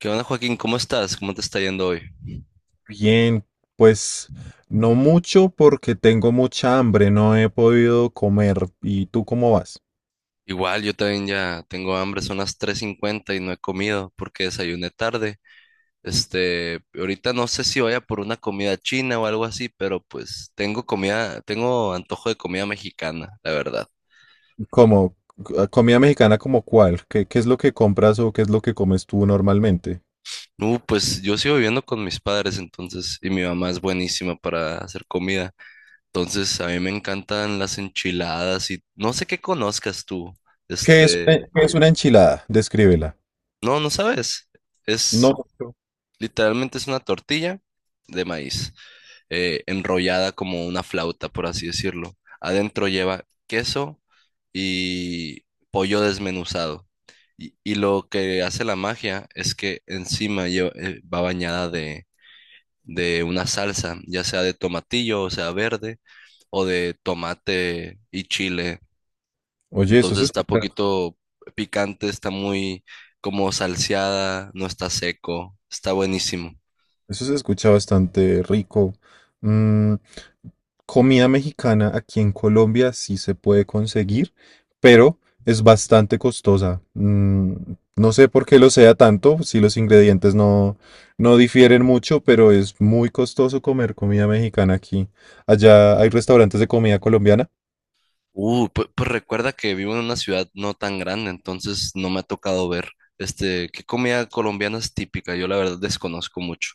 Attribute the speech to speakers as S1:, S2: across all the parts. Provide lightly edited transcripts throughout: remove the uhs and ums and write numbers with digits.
S1: ¿Qué onda, Joaquín? ¿Cómo estás? ¿Cómo te está yendo hoy?
S2: Bien, pues no mucho porque tengo mucha hambre, no he podido comer. ¿Y tú cómo vas?
S1: Igual, yo también ya tengo hambre, son las 3:50 y no he comido porque desayuné tarde. Ahorita no sé si vaya por una comida china o algo así, pero pues tengo comida, tengo antojo de comida mexicana, la verdad.
S2: ¿Cómo? ¿Comida mexicana como cuál? ¿Qué es lo que compras o qué es lo que comes tú normalmente?
S1: No, pues yo sigo viviendo con mis padres, entonces, y mi mamá es buenísima para hacer comida. Entonces, a mí me encantan las enchiladas y no sé qué conozcas tú.
S2: ¿Qué es, eh,
S1: Este,
S2: qué es una enchilada? Descríbela.
S1: no, no sabes. Es
S2: No.
S1: Literalmente es una tortilla de maíz, enrollada como una flauta, por así decirlo. Adentro lleva queso y pollo desmenuzado. Y lo que hace la magia es que encima va bañada de una salsa, ya sea de tomatillo, o sea, verde, o de tomate y chile.
S2: Oye, eso es
S1: Entonces está
S2: espectacular.
S1: poquito picante, está muy como salseada, no está seco, está buenísimo.
S2: Eso se escucha bastante rico. Mm, Comida mexicana aquí en Colombia sí se puede conseguir, pero es bastante costosa. No sé por qué lo sea tanto, si los ingredientes no difieren mucho, pero es muy costoso comer comida mexicana aquí. Allá hay restaurantes de comida colombiana.
S1: Pues, recuerda que vivo en una ciudad no tan grande, entonces no me ha tocado ver, qué comida colombiana es típica. Yo la verdad desconozco mucho.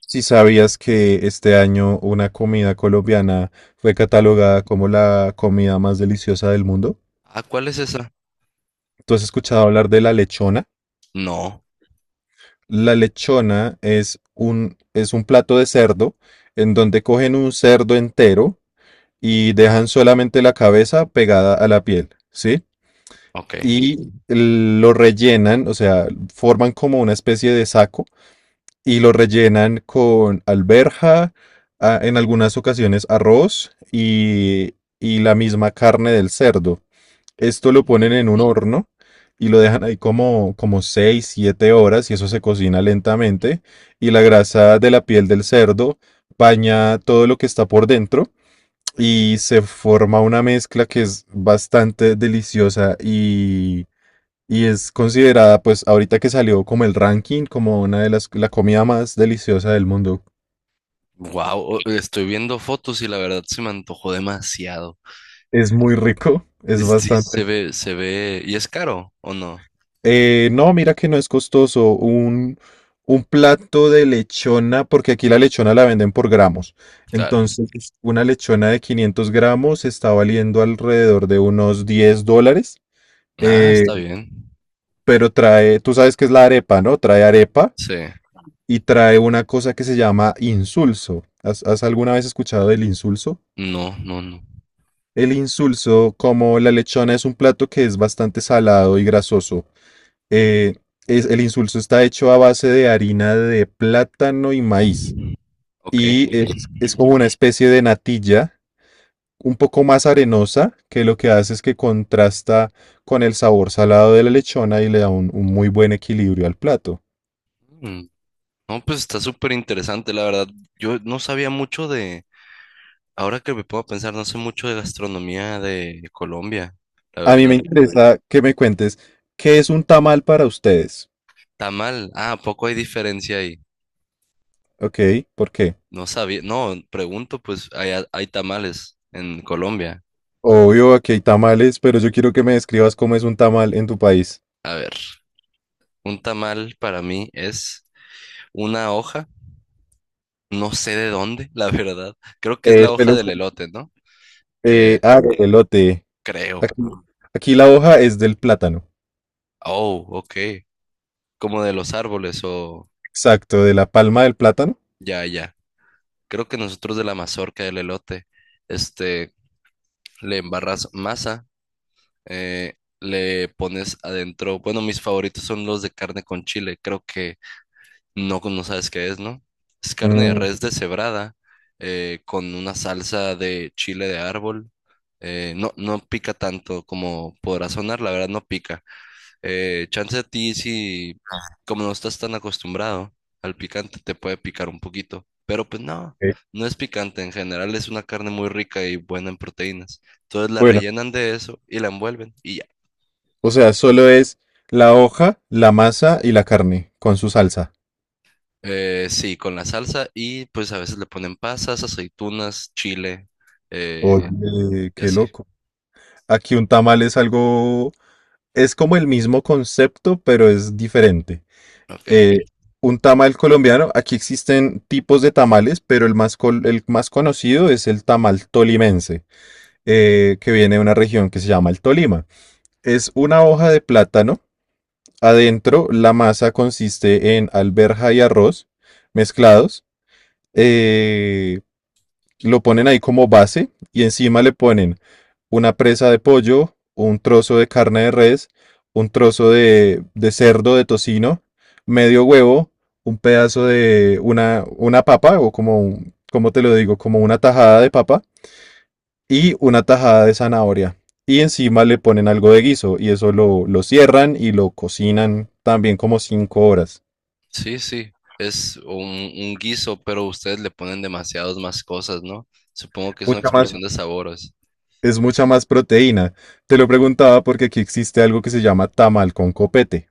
S2: Si sabías que este año una comida colombiana fue catalogada como la comida más deliciosa del mundo,
S1: Ah, ¿cuál es esa?
S2: ¿tú has escuchado hablar de la lechona?
S1: No,
S2: La lechona es un plato de cerdo en donde cogen un cerdo entero y dejan solamente la cabeza pegada a la piel, ¿sí?
S1: ok.
S2: Y lo rellenan, o sea, forman como una especie de saco y lo rellenan con alberja, en algunas ocasiones arroz y la misma carne del cerdo. Esto lo ponen en un horno y lo dejan ahí como 6 7 horas y eso se cocina lentamente y la grasa de la piel del cerdo baña todo lo que está por dentro y se forma una mezcla que es bastante deliciosa y es considerada pues ahorita que salió como el ranking como una de las la comida más deliciosa del mundo.
S1: Wow, estoy viendo fotos y la verdad se me antojó demasiado.
S2: Es muy rico, es
S1: Sí,
S2: bastante.
S1: se ve, ¿y es caro o no?
S2: No, mira que no es costoso. Un plato de lechona, porque aquí la lechona la venden por gramos.
S1: Claro.
S2: Entonces, una lechona de 500 gramos está valiendo alrededor de unos $10.
S1: Ah,
S2: eh,
S1: está bien.
S2: pero trae, tú sabes que es la arepa, ¿no? Trae arepa
S1: Sí.
S2: y trae una cosa que se llama insulso. ¿Has alguna vez escuchado del insulso?
S1: No, no, no.
S2: El insulso, como la lechona, es un plato que es bastante salado y grasoso. Eh, el insulso está hecho a base de harina de plátano y maíz.
S1: Ok.
S2: Y es como una especie de natilla, un poco más arenosa, que lo que hace es que contrasta con el sabor salado de la lechona y le da un muy buen equilibrio al plato.
S1: Mm, no, pues está súper interesante, la verdad. Yo no sabía mucho ahora que me puedo pensar, no sé mucho de gastronomía de Colombia, la
S2: A mí me
S1: verdad.
S2: interesa que me cuentes qué es un tamal para ustedes.
S1: Tamal, ah, ¿a poco hay diferencia ahí?
S2: ¿Ok? ¿Por qué?
S1: No sabía, no, pregunto, pues hay tamales en Colombia.
S2: Obvio, aquí hay tamales, pero yo quiero que me describas cómo es un tamal en tu país.
S1: A ver, un tamal para mí es una hoja, no sé de dónde, la verdad. Creo que es
S2: Eh,
S1: la hoja
S2: suele
S1: del
S2: ser-
S1: elote, ¿no? Eh,
S2: Elote.
S1: Creo.
S2: Aquí, aquí la hoja es del plátano.
S1: Oh, ok. Como de los árboles o
S2: Exacto, de la palma del plátano.
S1: ya, ya. Creo que nosotros de la mazorca del elote, este, le embarras masa, le pones adentro. Bueno, mis favoritos son los de carne con chile. Creo que no, no sabes qué es, ¿no? Es carne de
S2: Mm,
S1: res deshebrada, con una salsa de chile de árbol. No, no pica tanto como podrá sonar, la verdad no pica. Chance a ti si, como no estás tan acostumbrado al picante, te puede picar un poquito. Pero pues no,
S2: ok.
S1: no es picante en general, es una carne muy rica y buena en proteínas. Entonces la
S2: Bueno,
S1: rellenan de eso y la envuelven y ya.
S2: o sea, solo es la hoja, la masa y la carne con su salsa.
S1: Sí, con la salsa y pues a veces le ponen pasas, aceitunas, chile, eh,
S2: Oye,
S1: y
S2: qué
S1: así.
S2: loco. Aquí un tamal es algo, es como el mismo concepto, pero es diferente.
S1: Ok.
S2: Eh, un tamal colombiano, aquí existen tipos de tamales, pero el más conocido es el tamal tolimense, que viene de una región que se llama el Tolima. Es una hoja de plátano. Adentro, la masa consiste en alberja y arroz mezclados. eh, lo ponen ahí como base y encima le ponen una presa de pollo, un trozo de carne de res, un trozo de cerdo, de tocino, medio huevo, un pedazo de una papa o como, ¿cómo te lo digo? Como una tajada de papa y una tajada de zanahoria. Y encima le ponen algo de guiso y eso lo cierran y lo cocinan también como 5 horas.
S1: Sí, sí. Es un guiso, pero ustedes le ponen demasiadas más cosas, ¿no? Supongo que es una
S2: Mucha más,
S1: explosión de sabores.
S2: es mucha más proteína. Te lo preguntaba porque aquí existe algo que se llama tamal con copete.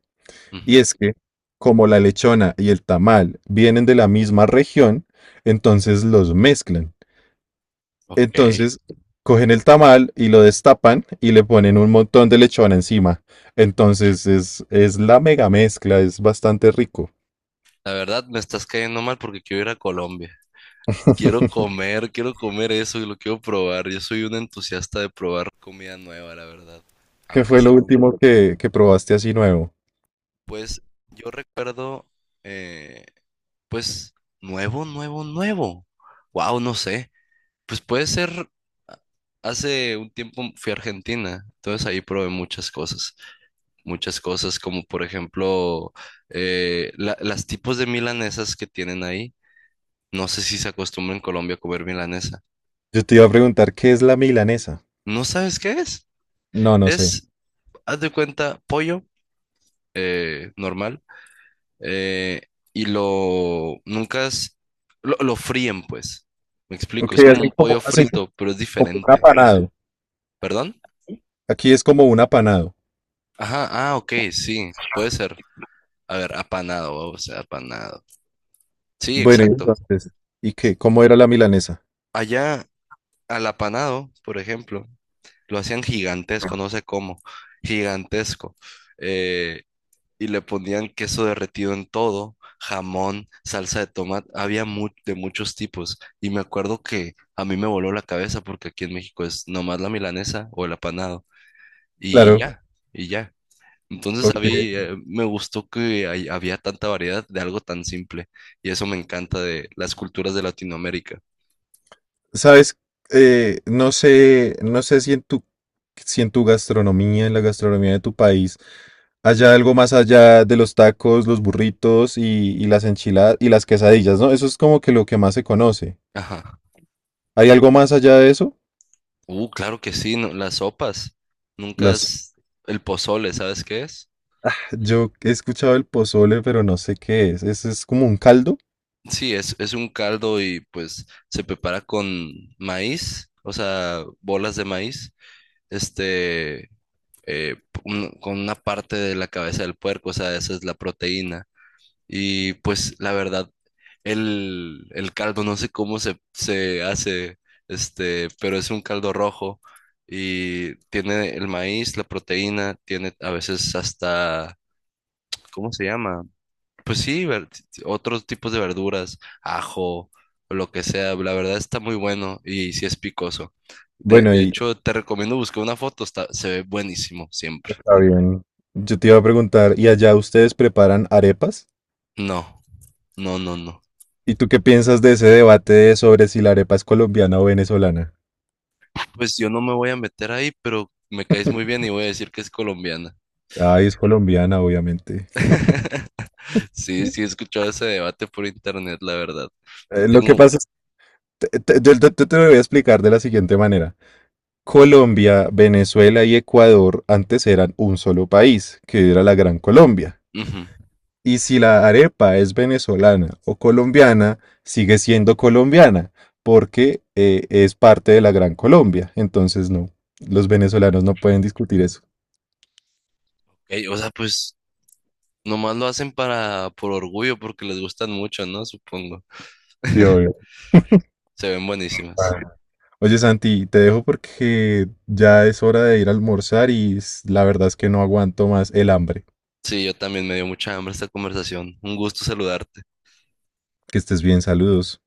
S2: Y
S1: Ujú,
S2: es que, como la lechona y el tamal vienen de la misma región, entonces los mezclan.
S1: ok.
S2: Entonces, cogen el tamal y lo destapan y le ponen un montón de lechona encima. Entonces, es la mega mezcla, es bastante rico.
S1: La verdad me estás cayendo mal porque quiero ir a Colombia. Quiero comer eso y lo quiero probar. Yo soy un entusiasta de probar comida nueva, la verdad.
S2: ¿Qué
S1: Aunque
S2: fue lo
S1: se,
S2: último que probaste así nuevo?
S1: pues, yo recuerdo... eh, pues nuevo, nuevo, nuevo. Wow, no sé. Pues puede ser, ah, hace un tiempo fui a Argentina, entonces ahí probé muchas cosas como por ejemplo, las tipos de milanesas que tienen ahí. No sé si se acostumbra en Colombia a comer milanesa.
S2: Yo te iba a preguntar, ¿qué es la milanesa?
S1: ¿No sabes qué es?
S2: No, no sé.
S1: Es, haz de cuenta, pollo, normal. Eh, y lo nunca es- Lo fríen, pues. Me explico,
S2: Ok,
S1: es como un pollo
S2: hacen como
S1: frito, pero es
S2: un
S1: diferente.
S2: apanado.
S1: ¿Perdón?
S2: Aquí es como un apanado.
S1: Ajá, ah, ok, sí, puede ser. A ver, apanado, o sea, apanado. Sí,
S2: Bueno, y
S1: exacto.
S2: entonces, ¿y qué? ¿Cómo era la milanesa?
S1: Allá al apanado, por ejemplo, lo hacían gigantesco, no sé cómo, gigantesco. Eh, y le ponían queso derretido en todo, jamón, salsa de tomate, de muchos tipos. Y me acuerdo que a mí me voló la cabeza porque aquí en México es nomás la milanesa o el apanado y
S2: Claro,
S1: ya, y ya. Entonces a
S2: ok.
S1: mí me gustó que había tanta variedad de algo tan simple y eso me encanta de las culturas de Latinoamérica.
S2: Sabes, no sé, no sé si en tu, si en tu gastronomía, en la gastronomía de tu país, haya algo más allá de los tacos, los burritos y las enchiladas y las quesadillas, ¿no? Eso es como que lo que más se conoce.
S1: Ajá.
S2: ¿Hay algo más allá de eso?
S1: Claro que sí, las sopas. Nunca
S2: Las...
S1: es El pozole, ¿sabes qué es?
S2: Yo he escuchado el pozole, pero no sé qué es. ¿Ese es como un caldo?
S1: Sí, es un caldo y pues se prepara con maíz, o sea, bolas de maíz, este, eh, un- con una parte de la cabeza del puerco, o sea, esa es la proteína. Y pues la verdad, el caldo, no sé se hace, pero es un caldo rojo y tiene el maíz, la proteína, tiene a veces hasta, ¿cómo se llama? Pues sí, otros tipos de verduras, ajo, o lo que sea, la verdad está muy bueno y sí es picoso. De,
S2: Bueno,
S1: de
S2: y
S1: hecho, te recomiendo buscar una foto, está, se ve buenísimo siempre.
S2: está bien. Yo te iba a preguntar, ¿y allá ustedes preparan arepas?
S1: No, no, no, no.
S2: ¿Y tú qué piensas de ese debate de sobre si la arepa es colombiana o venezolana?
S1: Pues yo no me voy a meter ahí, pero me caes muy bien y voy a decir que es colombiana.
S2: Ay, es colombiana, obviamente.
S1: Sí, sí, he escuchado ese debate por internet, la verdad.
S2: Lo que
S1: Tengo...
S2: pasa es, yo te lo voy a explicar de la siguiente manera. Colombia, Venezuela y Ecuador antes eran un solo país, que era la Gran Colombia.
S1: ujú.
S2: Y si la arepa es venezolana o colombiana, sigue siendo colombiana, porque es parte de la Gran Colombia. Entonces, no, los venezolanos no pueden discutir eso.
S1: Ok, o sea, pues nomás lo hacen para, por orgullo, porque les gustan mucho, ¿no? Supongo.
S2: Sí, obvio.
S1: Se ven buenísimas.
S2: Ah, Oye, Santi, te dejo porque ya es hora de ir a almorzar y la verdad es que no aguanto más el hambre.
S1: Sí, yo también me dio mucha hambre esta conversación. Un gusto saludarte.
S2: Que estés bien, saludos.